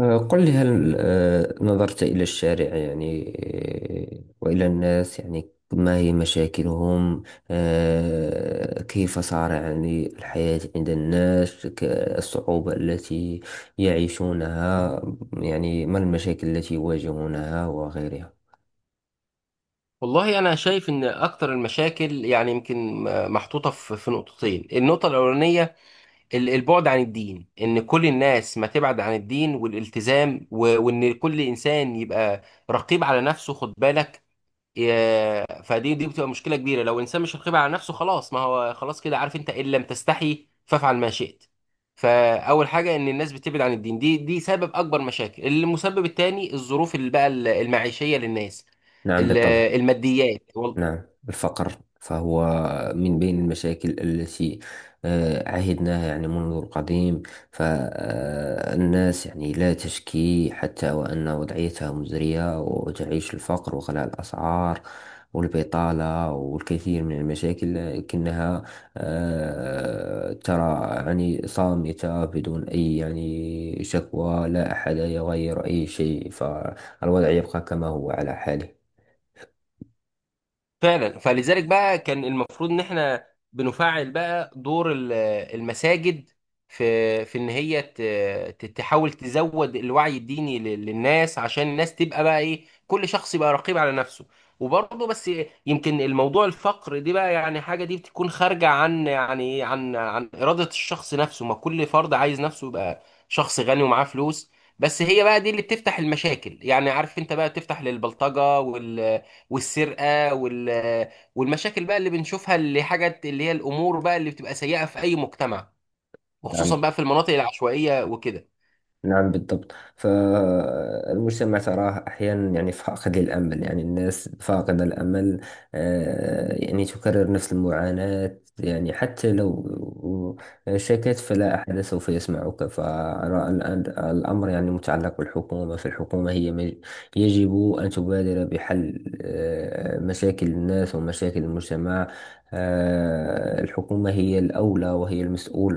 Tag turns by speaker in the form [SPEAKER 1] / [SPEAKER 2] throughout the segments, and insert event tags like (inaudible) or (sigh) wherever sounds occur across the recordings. [SPEAKER 1] قل لي، هل نظرت إلى الشارع يعني؟ وإلى الناس، يعني ما هي مشاكلهم؟ كيف صار يعني الحياة عند الناس، الصعوبة التي يعيشونها؟ يعني ما المشاكل التي يواجهونها وغيرها؟
[SPEAKER 2] والله انا شايف ان اكتر المشاكل يعني يمكن محطوطه في نقطتين. النقطه الاولانيه البعد عن الدين، ان كل الناس ما تبعد عن الدين والالتزام، وان كل انسان يبقى رقيب على نفسه، خد بالك. فدي بتبقى مشكله كبيره لو انسان مش رقيب على نفسه. خلاص، ما هو خلاص كده، عارف انت، ان لم تستحي فافعل ما شئت. فاول حاجه ان الناس بتبعد عن الدين، دي سبب اكبر مشاكل. المسبب الثاني الظروف اللي بقى المعيشيه للناس،
[SPEAKER 1] نعم،
[SPEAKER 2] ال-
[SPEAKER 1] بالطبع.
[SPEAKER 2] الماديات.
[SPEAKER 1] نعم، الفقر. فهو من بين المشاكل التي عهدناها يعني منذ القديم. فالناس يعني لا تشكي حتى وأن وضعيتها مزرية، وتعيش الفقر وغلاء الأسعار والبطالة والكثير من المشاكل. لكنها ترى يعني صامتة، بدون أي يعني شكوى. لا أحد يغير أي شيء، فالوضع يبقى كما هو على حاله.
[SPEAKER 2] فعلا، فلذلك بقى كان المفروض ان احنا بنفعل بقى دور المساجد في ان هي تحاول تزود الوعي الديني للناس، عشان الناس تبقى بقى ايه، كل شخص يبقى رقيب على نفسه. وبرضه بس يمكن الموضوع الفقر دي بقى، يعني حاجة دي بتكون خارجة عن يعني إيه؟ عن إرادة الشخص نفسه. ما كل فرد عايز نفسه يبقى شخص غني ومعاه فلوس. بس هي بقى دي اللي بتفتح المشاكل، يعني عارف انت، بقى بتفتح للبلطجة والسرقه والمشاكل بقى اللي بنشوفها، اللي حاجات اللي هي الامور بقى اللي بتبقى سيئه في اي مجتمع، وخصوصا
[SPEAKER 1] نعم،
[SPEAKER 2] بقى في المناطق العشوائيه وكده.
[SPEAKER 1] نعم، بالضبط. فالمجتمع تراه أحيانا يعني فاقد للأمل، يعني الناس فاقدة الأمل. يعني تكرر نفس المعاناة. يعني حتى لو شكت فلا أحد سوف يسمعك. فأرى الآن الأمر يعني متعلق بالحكومة. فالحكومة هي يجب أن تبادر بحل مشاكل الناس ومشاكل المجتمع. الحكومة هي الأولى وهي المسؤول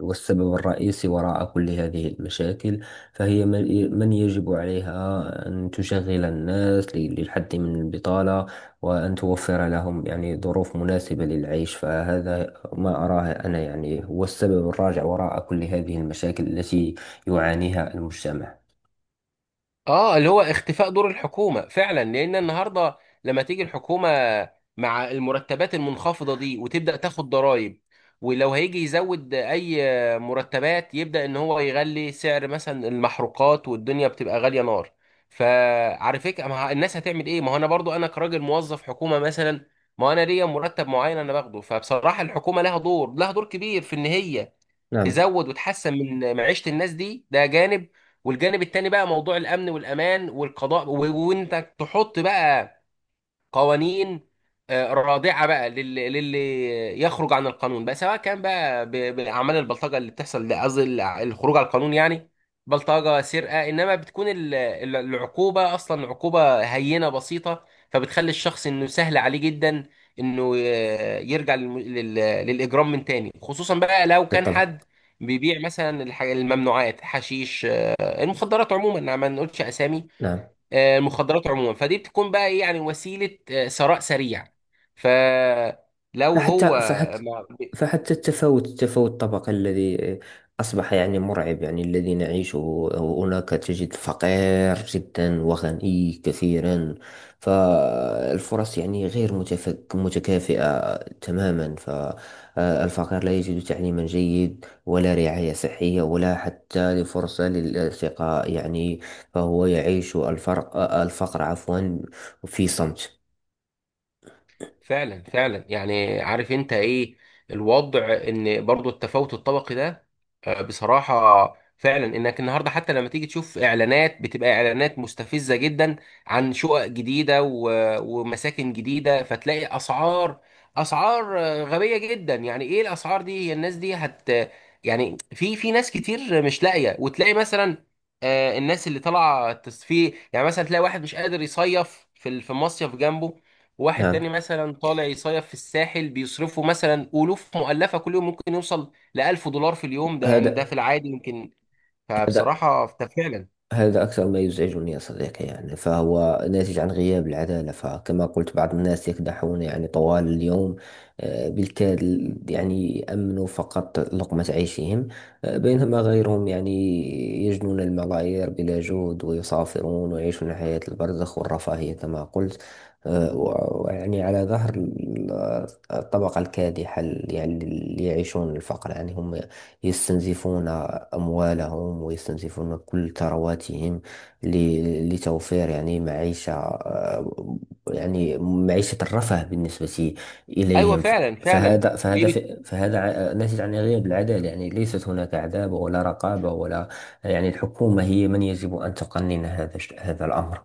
[SPEAKER 1] والسبب الرئيسي وراء كل هذه المشاكل. فهي من يجب عليها أن تشغل الناس للحد من البطالة، وأن توفر لهم يعني ظروف مناسبة للعيش. فهذا ما أراه أنا، يعني هو السبب الراجع وراء كل هذه المشاكل التي يعانيها المجتمع.
[SPEAKER 2] اه، اللي هو اختفاء دور الحكومة فعلا. لان النهاردة لما تيجي الحكومة مع المرتبات المنخفضة دي وتبدأ تاخد ضرائب، ولو هيجي يزود اي مرتبات يبدأ ان هو يغلي سعر مثلا المحروقات، والدنيا بتبقى غالية نار. فعلى فكرة، ما ه- الناس هتعمل ايه؟ ما هو انا برضو، انا كراجل موظف حكومة مثلا، ما انا ليا مرتب معين انا باخده. فبصراحة الحكومة لها دور، لها دور كبير في ان هي
[SPEAKER 1] نعم،
[SPEAKER 2] تزود وتحسن من معيشة الناس دي. ده جانب، والجانب التاني بقى موضوع الأمن والأمان والقضاء، وإنك تحط بقى قوانين رادعه بقى للي يخرج عن القانون بقى، سواء كان بقى باعمال البلطجه اللي بتحصل. ده قصدي الخروج على القانون، يعني بلطجه، سرقه. انما بتكون العقوبه اصلا عقوبه هينه بسيطه، فبتخلي الشخص انه سهل عليه جدا انه يرجع للاجرام من تاني، خصوصا بقى لو كان
[SPEAKER 1] بالطبع.
[SPEAKER 2] حد بيبيع مثلا الممنوعات، حشيش، المخدرات عموما. ما نقولش اسامي.
[SPEAKER 1] نعم،
[SPEAKER 2] المخدرات عموما، فدي بتكون بقى ايه، يعني وسيله ثراء سريع. فلو هو
[SPEAKER 1] فحتى فحتى فحتى التفاوت الطبقي الذي أصبح يعني مرعب، يعني الذي نعيشه. هناك تجد فقير جدا وغني كثيرا. فالفرص يعني غير متكافئة تماما. فالفقير لا يجد تعليما جيد ولا رعاية صحية ولا حتى لفرصة للالتقاء، يعني. فهو يعيش الفرق، الفقر عفوا، في صمت.
[SPEAKER 2] فعلا، فعلا، يعني عارف انت ايه الوضع. ان برضو التفاوت الطبقي ده، بصراحة فعلا، انك النهاردة حتى لما تيجي تشوف اعلانات، بتبقى اعلانات مستفزة جدا عن شقق جديدة، ومساكن جديدة، فتلاقي اسعار غبية جدا. يعني ايه الاسعار دي؟ هي الناس دي هت، يعني في ناس كتير مش لاقية. وتلاقي مثلا الناس اللي طالعة تصفيه، يعني مثلا تلاقي واحد مش قادر يصيف في مصيف جنبه، واحد
[SPEAKER 1] نعم.
[SPEAKER 2] تاني مثلا طالع يصيف في الساحل بيصرفوا مثلا ألوف مؤلفة كل يوم، ممكن يوصل ل $1000 في اليوم ده، يعني ده في
[SPEAKER 1] هذا
[SPEAKER 2] العادي يمكن.
[SPEAKER 1] هذا
[SPEAKER 2] فبصراحة ده فعلا
[SPEAKER 1] هذا أكثر ما يزعجني يا صديقي، يعني فهو ناتج عن غياب العدالة. فكما قلت، بعض الناس يكدحون يعني طوال اليوم، بالكاد يعني يأمنوا فقط لقمة عيشهم. بينما غيرهم يعني يجنون الملايير بلا جهد، ويسافرون ويعيشون حياة البرزخ والرفاهية كما قلت. ويعني على ظهر الطبقة الكادحة اللي يعني اللي يعيشون الفقر. يعني هم يستنزفون أموالهم، ويستنزفون كل ثرواتهم لتوفير يعني معيشة، يعني معيشة الرفاه بالنسبة
[SPEAKER 2] أيوه،
[SPEAKER 1] إليهم.
[SPEAKER 2] فعلا
[SPEAKER 1] فهذا فهذا ف-
[SPEAKER 2] ليلة.
[SPEAKER 1] فهذا ناتج عن غياب العدالة. يعني ليست هناك عدالة ولا رقابة ولا. يعني الحكومة هي من يجب أن تقنن هذا الأمر.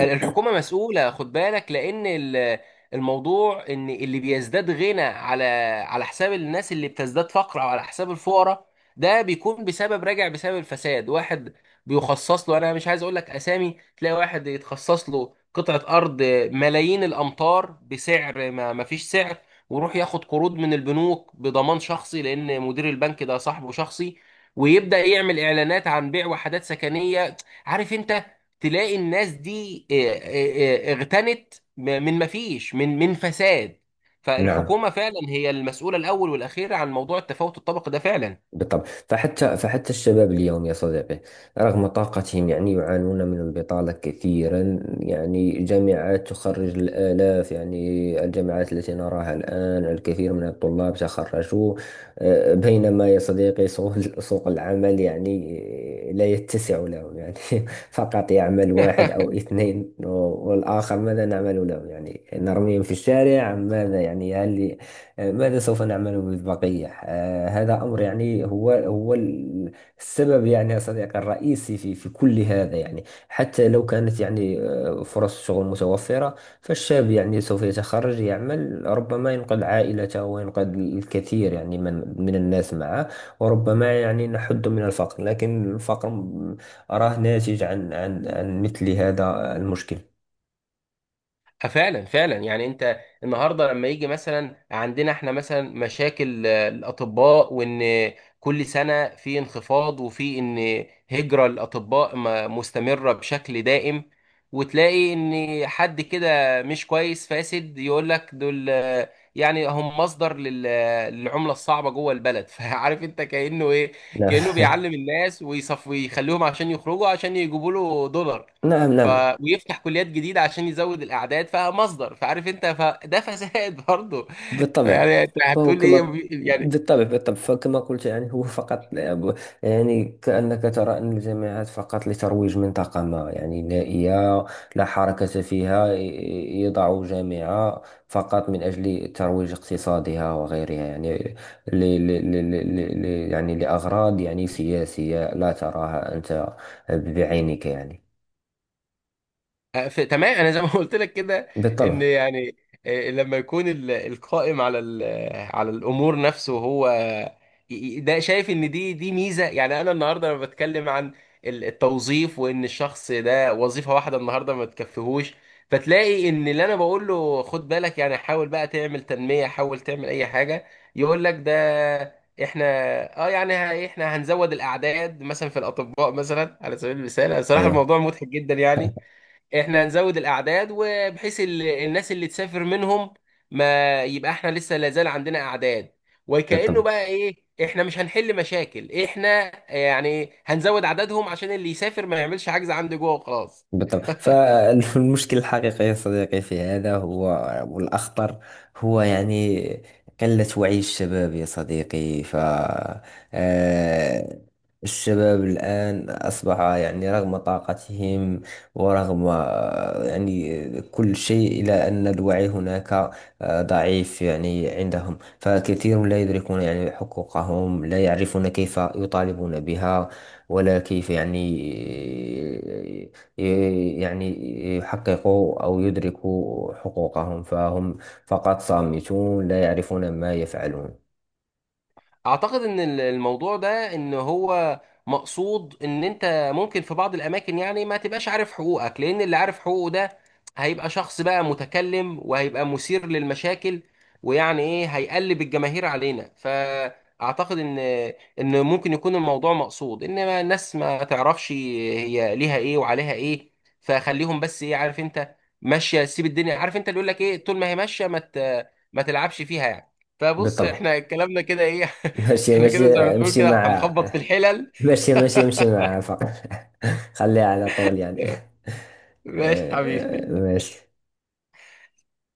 [SPEAKER 2] الحكومة مسؤولة، خد بالك، لأن الموضوع إن اللي بيزداد غنى على حساب الناس اللي بتزداد فقر، أو على حساب الفقراء، ده بيكون بسبب الفساد. واحد بيخصص له، أنا مش عايز أقول لك أسامي، تلاقي واحد يتخصص له قطعة أرض ملايين الأمتار بسعر ما فيش سعر، ويروح ياخد قروض من البنوك بضمان شخصي لأن مدير البنك ده صاحبه شخصي، ويبدأ يعمل إعلانات عن بيع وحدات سكنية. عارف انت، تلاقي الناس دي اغتنت من، ما فيش، من فساد.
[SPEAKER 1] نعم،
[SPEAKER 2] فالحكومة فعلا هي المسؤولة الأول والأخيرة عن موضوع التفاوت الطبقي ده فعلا.
[SPEAKER 1] بالطبع. فحتى الشباب اليوم يا صديقي، رغم طاقتهم، يعني يعانون من البطالة كثيرا. يعني جامعات تخرج الآلاف، يعني الجامعات التي نراها الآن، الكثير من الطلاب تخرجوا. بينما يا صديقي سوق (laughs) سوق العمل يعني لا يتسع لهم، يعني (laughs) فقط يعمل واحد
[SPEAKER 2] (laughs)
[SPEAKER 1] أو اثنين. والآخر ماذا نعمل لهم؟ يعني نرميهم في الشارع أم ماذا؟ يعني هل ماذا سوف نعمل بالبقية؟ هذا أمر، يعني هو السبب يعني يا صديقي الرئيسي في كل هذا. يعني حتى لو كانت يعني فرص شغل متوفرة، فالشاب يعني سوف يتخرج، يعمل، ربما ينقذ عائلته وينقذ الكثير يعني من الناس معه. وربما يعني نحد من الفقر. لكن الفقر أراه ناتج عن مثل هذا المشكل.
[SPEAKER 2] فعلا، فعلا، يعني انت النهارده لما يجي مثلا عندنا احنا مثلا مشاكل الاطباء، وان كل سنه في انخفاض، وفي ان هجره الاطباء مستمره بشكل دائم. وتلاقي ان حد كده مش كويس، فاسد، يقول لك دول يعني هم مصدر للعمله الصعبه جوه البلد. (laughs) فعارف انت كانه ايه،
[SPEAKER 1] نعم،
[SPEAKER 2] كانه بيعلم الناس ويصف ويخليهم عشان يخرجوا عشان يجيبوا له دولار.
[SPEAKER 1] نعم،
[SPEAKER 2] ف
[SPEAKER 1] نعم،
[SPEAKER 2] ويفتح كليات جديده عشان يزود الاعداد، فمصدر، فعارف انت، فده فساد برضه. (laughs)
[SPEAKER 1] بالطبع.
[SPEAKER 2] فيعني انت
[SPEAKER 1] فهو
[SPEAKER 2] هتقول ايه؟
[SPEAKER 1] كما.
[SPEAKER 2] يعني
[SPEAKER 1] بالطبع، بالطبع. فكما قلت يعني هو فقط لعب. يعني كأنك ترى أن الجامعات فقط لترويج منطقة ما يعني نائية، لا حركة فيها. يضع جامعة فقط من أجل ترويج اقتصادها وغيرها. يعني ل ل ل ل يعني لأغراض يعني سياسية لا تراها أنت بعينك، يعني.
[SPEAKER 2] ف- تمام، انا زي ما قلت لك كده، ان
[SPEAKER 1] بالطبع.
[SPEAKER 2] يعني لما يكون القائم على على الامور نفسه هو ده شايف ان دي ميزه. يعني انا النهارده لما بتكلم عن التوظيف، وان الشخص ده وظيفه واحده النهارده ما تكفيهوش، فتلاقي ان اللي انا بقول له خد بالك، يعني حاول بقى تعمل تنميه، حاول تعمل اي حاجه، يقول لك ده احنا، اه يعني، احنا هنزود الاعداد مثلا في الاطباء، مثلا على سبيل المثال. صراحه
[SPEAKER 1] أيوه،
[SPEAKER 2] الموضوع مضحك جدا، يعني احنا نزود الاعداد، وبحيث الناس اللي تسافر منهم، ما يبقى احنا لسه لازال عندنا اعداد، وكأنه
[SPEAKER 1] بالطبع،
[SPEAKER 2] بقى ايه، احنا مش هنحل مشاكل، احنا يعني هنزود عددهم عشان اللي يسافر ما يعملش حجز عندي جوه وخلاص.
[SPEAKER 1] بالطبع. فالمشكل الحقيقي يا صديقي في هذا هو، والأخطر، هو يعني قلة وعي الشباب يا صديقي. ف آه، الشباب الآن أصبح، يعني رغم طاقتهم ورغم يعني كل شيء، إلا أن الوعي هناك ضعيف يعني عندهم. فكثير لا يدركون يعني حقوقهم، لا يعرفون كيف يطالبون بها، ولا كيف يعني يعني يحققوا أو يدركوا حقوقهم. فهم فقط صامتون، لا يعرفون ما يفعلون.
[SPEAKER 2] اعتقد ان الموضوع ده ان هو مقصود، ان انت ممكن في بعض الاماكن يعني ما تبقاش عارف حقوقك، لان اللي عارف حقوقه ده هيبقى شخص بقى متكلم وهيبقى مثير للمشاكل، ويعني ايه، هيقلب الجماهير علينا. فاعتقد ان ممكن يكون الموضوع مقصود، انما الناس ما تعرفش هي ليها ايه وعليها ايه، فخليهم بس ايه عارف انت، ماشيه، سيب الدنيا، عارف انت اللي يقول لك ايه، طول ما هي ماشيه ما تلعبش فيها يعني. فبص
[SPEAKER 1] بالطبع.
[SPEAKER 2] احنا كلامنا كده ايه. (laughs)
[SPEAKER 1] ماشي
[SPEAKER 2] احنا كده
[SPEAKER 1] ماشي
[SPEAKER 2] زي ما بنقول
[SPEAKER 1] امشي
[SPEAKER 2] كده
[SPEAKER 1] مع
[SPEAKER 2] هنخبط في الحلل.
[SPEAKER 1] ماشي، ماشي، امشي
[SPEAKER 2] (laughs)
[SPEAKER 1] مع فقط. (laughs) خليها على طول يعني. (laughs)
[SPEAKER 2] ماشي حبيبي.
[SPEAKER 1] ماشي.